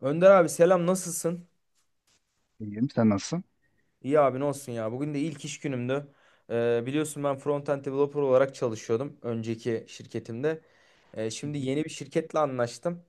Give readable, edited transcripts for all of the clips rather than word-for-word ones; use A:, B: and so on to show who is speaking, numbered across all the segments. A: Önder abi selam nasılsın?
B: İyiyim. Sen nasılsın?
A: İyi abi ne olsun ya. Bugün de ilk iş günümdü. Biliyorsun ben front-end developer olarak çalışıyordum önceki şirketimde. Ee,
B: Hı
A: şimdi
B: hı.
A: yeni bir şirketle anlaştım.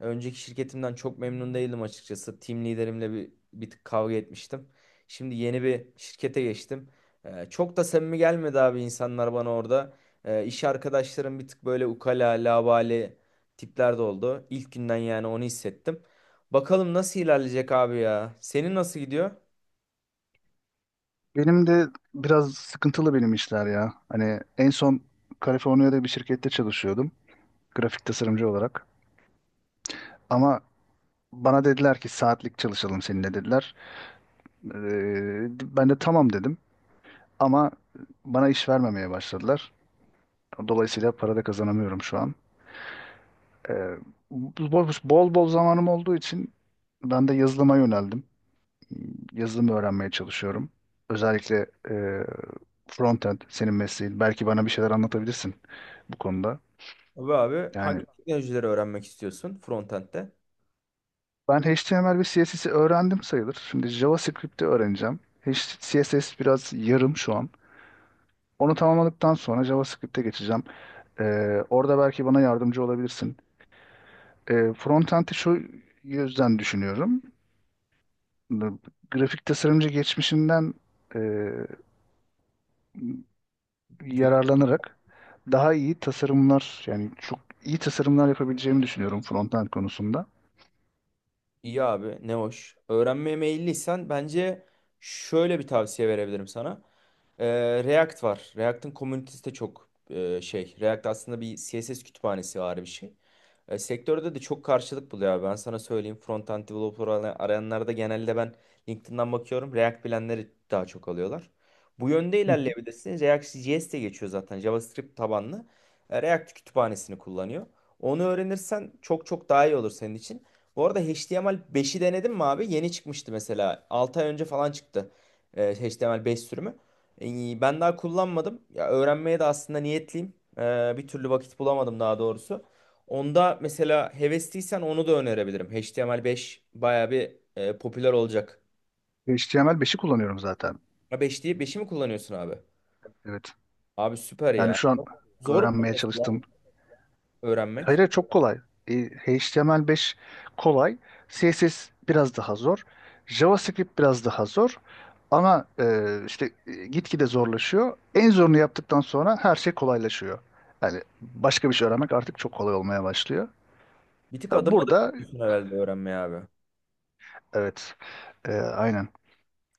A: Önceki şirketimden çok memnun değildim açıkçası. Team liderimle bir tık kavga etmiştim. Şimdi yeni bir şirkete geçtim. Çok da samimi gelmedi abi insanlar bana orada. İş arkadaşlarım bir tık böyle ukala, labale tipler de oldu. İlk günden yani onu hissettim. Bakalım nasıl ilerleyecek abi ya. Senin nasıl gidiyor?
B: Benim de biraz sıkıntılı benim işler ya. Hani en son Kaliforniya'da bir şirkette çalışıyordum. Grafik tasarımcı olarak. Ama bana dediler ki saatlik çalışalım seninle dediler. Ee, Ben de tamam dedim. Ama bana iş vermemeye başladılar. Dolayısıyla para da kazanamıyorum şu an. Ee, Bol bol zamanım olduğu için ben de yazılıma yöneldim. Yazılım öğrenmeye çalışıyorum. Özellikle frontend senin mesleğin. Belki bana bir şeyler anlatabilirsin bu konuda.
A: Tabii abi
B: Yani
A: hangi teknolojileri öğrenmek istiyorsun frontend'de?
B: ben HTML ve CSS'i öğrendim sayılır. Şimdi JavaScript'i öğreneceğim. CSS biraz yarım şu an. Onu tamamladıktan sonra JavaScript'e geçeceğim. E, Orada belki bana yardımcı olabilirsin. Frontend'i şu yüzden düşünüyorum. Grafik tasarımcı geçmişimden yararlanarak daha iyi tasarımlar, yani çok iyi tasarımlar yapabileceğimi düşünüyorum frontend konusunda.
A: İyi abi ne hoş. Öğrenmeye meyilliysen bence şöyle bir tavsiye verebilirim sana. React var. React'ın komünitesi de çok şey. React aslında bir CSS kütüphanesi var bir şey. Sektörde de çok karşılık buluyor abi. Ben sana söyleyeyim. Front-end developer arayanlarda genelde ben LinkedIn'den bakıyorum. React bilenleri daha çok alıyorlar. Bu yönde
B: Hı hı.
A: ilerleyebilirsiniz. React.js de geçiyor zaten. JavaScript tabanlı. React kütüphanesini kullanıyor. Onu öğrenirsen çok çok daha iyi olur senin için. Bu arada HTML5'i denedin mi abi? Yeni çıkmıştı mesela. 6 ay önce falan çıktı. HTML5 sürümü. Ben daha kullanmadım. Ya öğrenmeye de aslında niyetliyim. Bir türlü vakit bulamadım daha doğrusu. Onda mesela hevesliysen onu da önerebilirim. HTML5 bayağı bir popüler olacak.
B: HTML5'i kullanıyorum zaten.
A: Ha 5 değil, 5'i mi kullanıyorsun abi?
B: Evet.
A: Abi süper
B: Yani
A: ya.
B: şu an
A: Zor mu
B: öğrenmeye
A: mesela
B: çalıştığım... Hayır,
A: öğrenmek?
B: hayır, çok kolay. E, HTML5 kolay. CSS biraz daha zor. JavaScript biraz daha zor. Ama işte, gitgide zorlaşıyor. En zorunu yaptıktan sonra her şey kolaylaşıyor. Yani başka bir şey öğrenmek artık çok kolay olmaya başlıyor.
A: Bir tık adım adım
B: Burada,
A: gidiyorsun herhalde öğrenmeye abi.
B: evet, aynen.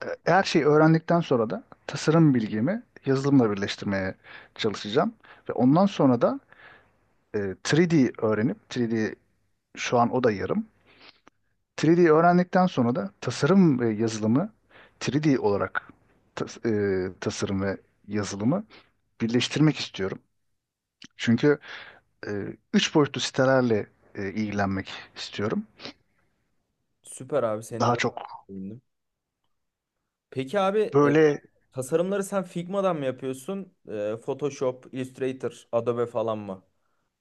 B: Her şeyi öğrendikten sonra da tasarım bilgimi yazılımla birleştirmeye çalışacağım. Ve ondan sonra da e, 3D öğrenip 3D, şu an o da yarım. 3D öğrendikten sonra da tasarım ve yazılımı 3D olarak tas- e, tasarım ve yazılımı birleştirmek istiyorum. Çünkü e, üç boyutlu sitelerle ilgilenmek istiyorum.
A: Süper abi seninle
B: Daha
A: de
B: çok
A: sevindim. Peki abi
B: böyle
A: tasarımları sen Figma'dan mı yapıyorsun? Photoshop, Illustrator, Adobe falan mı?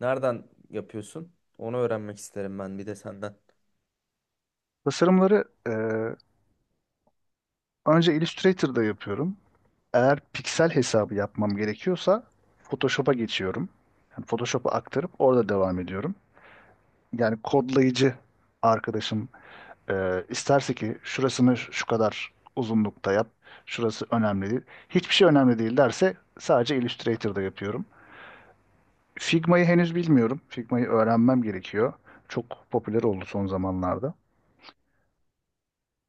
A: Nereden yapıyorsun? Onu öğrenmek isterim ben bir de senden.
B: tasarımları önce Illustrator'da yapıyorum. Eğer piksel hesabı yapmam gerekiyorsa Photoshop'a geçiyorum. Yani Photoshop'a aktarıp orada devam ediyorum. Yani kodlayıcı arkadaşım isterse ki şurasını şu kadar uzunlukta yap, şurası önemli değil. Hiçbir şey önemli değil derse sadece Illustrator'da yapıyorum. Figma'yı henüz bilmiyorum. Figma'yı öğrenmem gerekiyor. Çok popüler oldu son zamanlarda.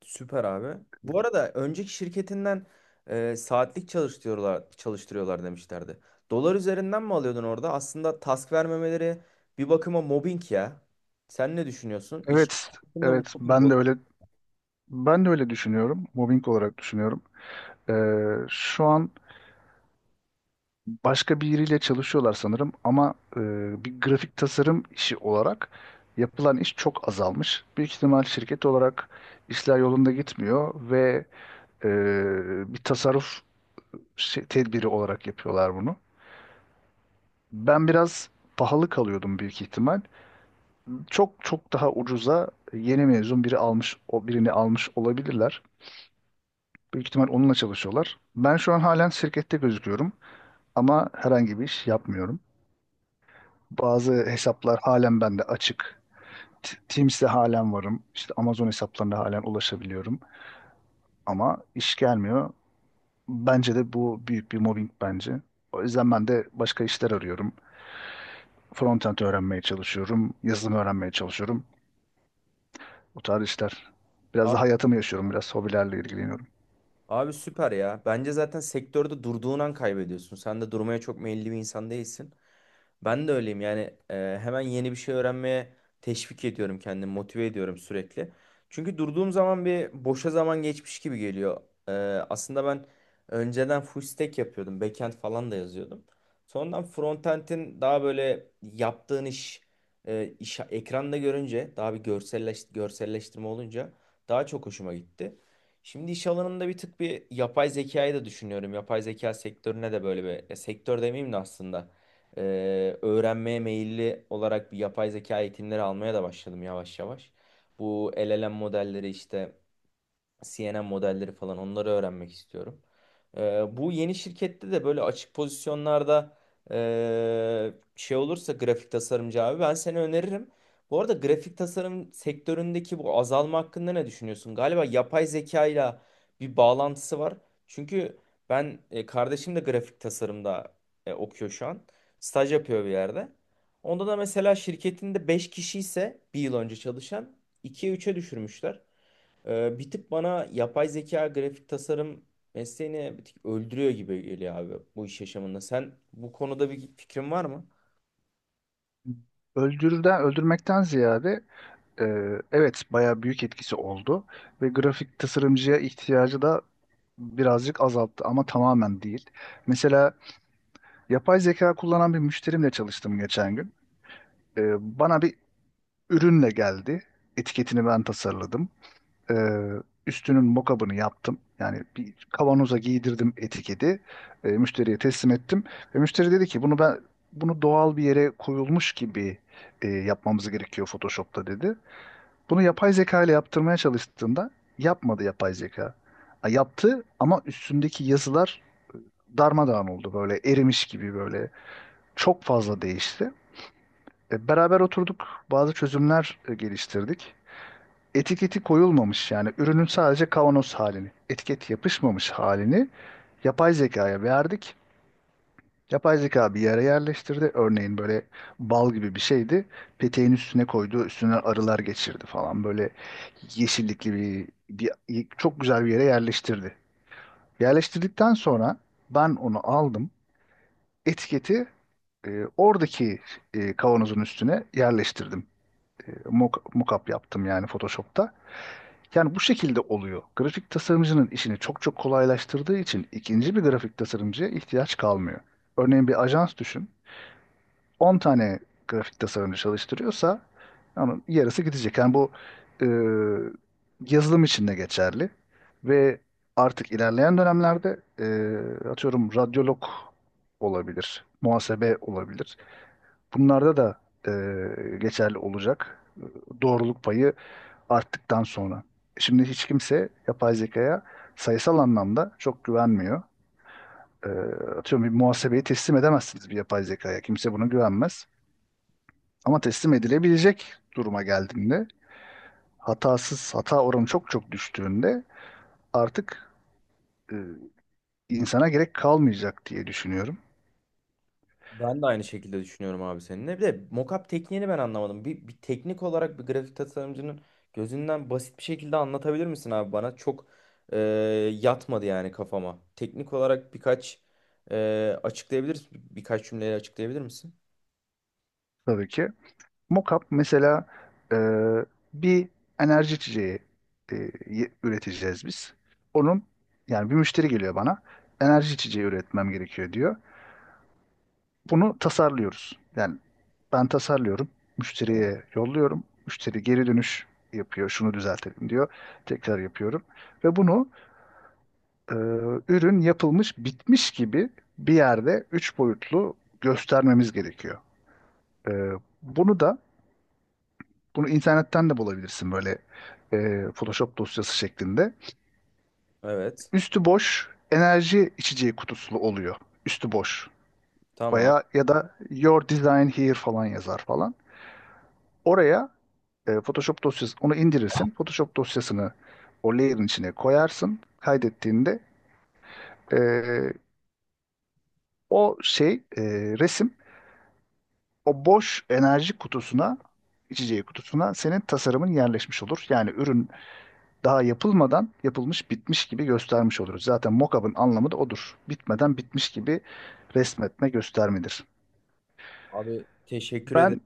A: Süper abi. Bu arada önceki şirketinden saatlik çalıştırıyorlar demişlerdi. Dolar üzerinden mi alıyordun orada? Aslında task vermemeleri bir bakıma mobbing ya. Sen ne düşünüyorsun? İş
B: Evet,
A: hakkında bu
B: evet,
A: mobbing
B: ben de
A: oldu.
B: öyle ben de öyle düşünüyorum. Mobbing olarak düşünüyorum. Ee, Şu an başka biriyle çalışıyorlar sanırım ama bir grafik tasarım işi olarak yapılan iş çok azalmış. Büyük ihtimal şirket olarak işler yolunda gitmiyor ve e, bir tasarruf tedbiri olarak yapıyorlar bunu. Ben biraz pahalı kalıyordum büyük ihtimal. Çok çok daha ucuza yeni mezun biri almış, o birini almış olabilirler. Büyük ihtimal onunla çalışıyorlar. Ben şu an halen şirkette gözüküyorum ama herhangi bir iş yapmıyorum. Bazı hesaplar halen bende açık. Teams'te halen varım. İşte Amazon hesaplarına halen ulaşabiliyorum. Ama iş gelmiyor. Bence de bu büyük bir mobbing bence. O yüzden ben de başka işler arıyorum. Frontend öğrenmeye çalışıyorum. Yazılım öğrenmeye çalışıyorum. Bu tarz işler. Biraz
A: Abi,
B: da hayatımı yaşıyorum. Biraz hobilerle ilgileniyorum.
A: abi süper ya. Bence zaten sektörde durduğun an kaybediyorsun. Sen de durmaya çok meyilli bir insan değilsin. Ben de öyleyim yani hemen yeni bir şey öğrenmeye teşvik ediyorum kendimi motive ediyorum sürekli. Çünkü durduğum zaman bir boşa zaman geçmiş gibi geliyor. E, aslında ben önceden full stack yapıyordum backend falan da yazıyordum. Sonradan frontend'in daha böyle yaptığın iş ekranda görünce daha bir görselleştirme olunca daha çok hoşuma gitti. Şimdi iş alanında bir tık bir yapay zekayı da düşünüyorum. Yapay zeka sektörüne de böyle bir ya sektör demeyeyim de aslında öğrenmeye meyilli olarak bir yapay zeka eğitimleri almaya da başladım yavaş yavaş. Bu LLM modelleri işte CNN modelleri falan onları öğrenmek istiyorum. Bu yeni şirkette de böyle açık pozisyonlarda şey olursa grafik tasarımcı abi ben seni öneririm. Bu arada grafik tasarım sektöründeki bu azalma hakkında ne düşünüyorsun? Galiba yapay zeka ile bir bağlantısı var. Çünkü kardeşim de grafik tasarımda okuyor şu an. Staj yapıyor bir yerde. Onda da mesela şirketinde 5 kişi ise bir yıl önce çalışan ikiye üçe düşürmüşler. Bir tık bana yapay zeka grafik tasarım mesleğini bir tık öldürüyor gibi geliyor abi bu iş yaşamında. Sen bu konuda bir fikrin var mı?
B: Öldürmekten ziyade, e, evet, bayağı büyük etkisi oldu. Ve grafik tasarımcıya ihtiyacı da birazcık azalttı ama tamamen değil. Mesela yapay zeka kullanan bir müşterimle çalıştım geçen gün. Bana bir ürünle geldi. Etiketini ben tasarladım. Ee, Üstünün mockup'ını yaptım. Yani bir kavanoza giydirdim etiketi. Müşteriye teslim ettim. Ve müşteri dedi ki bunu doğal bir yere koyulmuş gibi yapmamız gerekiyor Photoshop'ta dedi. Bunu yapay zeka ile yaptırmaya çalıştığımda yapmadı yapay zeka. Ha, yaptı ama üstündeki yazılar darmadağın oldu, böyle erimiş gibi, böyle çok fazla değişti. Beraber oturduk, bazı çözümler geliştirdik. Etiketi koyulmamış, yani ürünün sadece kavanoz halini, etiket yapışmamış halini yapay zekaya verdik. Yapay zeka bir yere yerleştirdi. Örneğin böyle bal gibi bir şeydi. Peteğin üstüne koydu, üstüne arılar geçirdi falan. Böyle yeşillikli bir çok güzel bir yere yerleştirdi. Yerleştirdikten sonra ben onu aldım. Etiketi e, oradaki kavanozun üstüne yerleştirdim. Mockup yaptım yani Photoshop'ta. Yani bu şekilde oluyor. Grafik tasarımcının işini çok çok kolaylaştırdığı için ikinci bir grafik tasarımcıya ihtiyaç kalmıyor. Örneğin bir ajans düşün. 10 tane grafik tasarımcı çalıştırıyorsa, yani yarısı gidecek. Yani bu e, yazılım için de geçerli. Ve artık ilerleyen dönemlerde atıyorum radyolog olabilir, muhasebe olabilir. Bunlarda da e, geçerli olacak. Doğruluk payı arttıktan sonra. Şimdi hiç kimse yapay zekaya sayısal anlamda çok güvenmiyor. Ee, Atıyorum bir muhasebeyi teslim edemezsiniz bir yapay zekaya. Kimse buna güvenmez. Ama teslim edilebilecek duruma geldiğinde, hatasız, hata oranı çok çok düştüğünde artık e, insana gerek kalmayacak diye düşünüyorum.
A: Ben de aynı şekilde düşünüyorum abi seninle. Bir de mockup tekniğini ben anlamadım. Bir teknik olarak bir grafik tasarımcının gözünden basit bir şekilde anlatabilir misin abi bana? Çok e, yatmadı yani kafama. Teknik olarak e, birkaç cümleyle açıklayabilir misin?
B: Tabii ki. Mockup mesela, e, bir enerji içeceği e, üreteceğiz biz. Onun, yani bir müşteri geliyor bana. Enerji içeceği üretmem gerekiyor diyor. Bunu tasarlıyoruz. Yani ben tasarlıyorum. Müşteriye yolluyorum. Müşteri geri dönüş yapıyor. Şunu düzeltelim diyor. Tekrar yapıyorum. Ve bunu e, ürün yapılmış bitmiş gibi bir yerde üç boyutlu göstermemiz gerekiyor. E, bunu da Bunu internetten de bulabilirsin, böyle Photoshop dosyası şeklinde.
A: Evet,
B: Üstü boş enerji içeceği kutusu oluyor. Üstü boş.
A: tamam.
B: Veya ya da Your Design Here falan yazar falan. Oraya Photoshop dosyası, onu indirirsin. Photoshop dosyasını o layer'ın içine koyarsın. Kaydettiğinde e, o şey, resim, o boş enerji kutusuna içeceği kutusuna senin tasarımın yerleşmiş olur. Yani ürün daha yapılmadan yapılmış bitmiş gibi göstermiş oluruz. Zaten mock-up'ın anlamı da odur. Bitmeden bitmiş gibi resmetme, göstermedir.
A: Abi teşekkür ederim.
B: Ben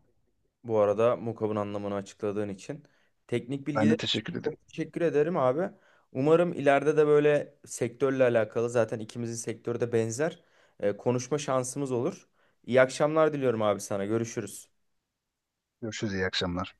A: Bu arada mukabın anlamını açıkladığın için. Teknik
B: Ben
A: bilgiler
B: de teşekkür
A: için
B: ederim.
A: çok teşekkür ederim abi. Umarım ileride de böyle sektörle alakalı zaten ikimizin sektörü de benzer konuşma şansımız olur. İyi akşamlar diliyorum abi sana. Görüşürüz.
B: Görüşürüz, iyi akşamlar.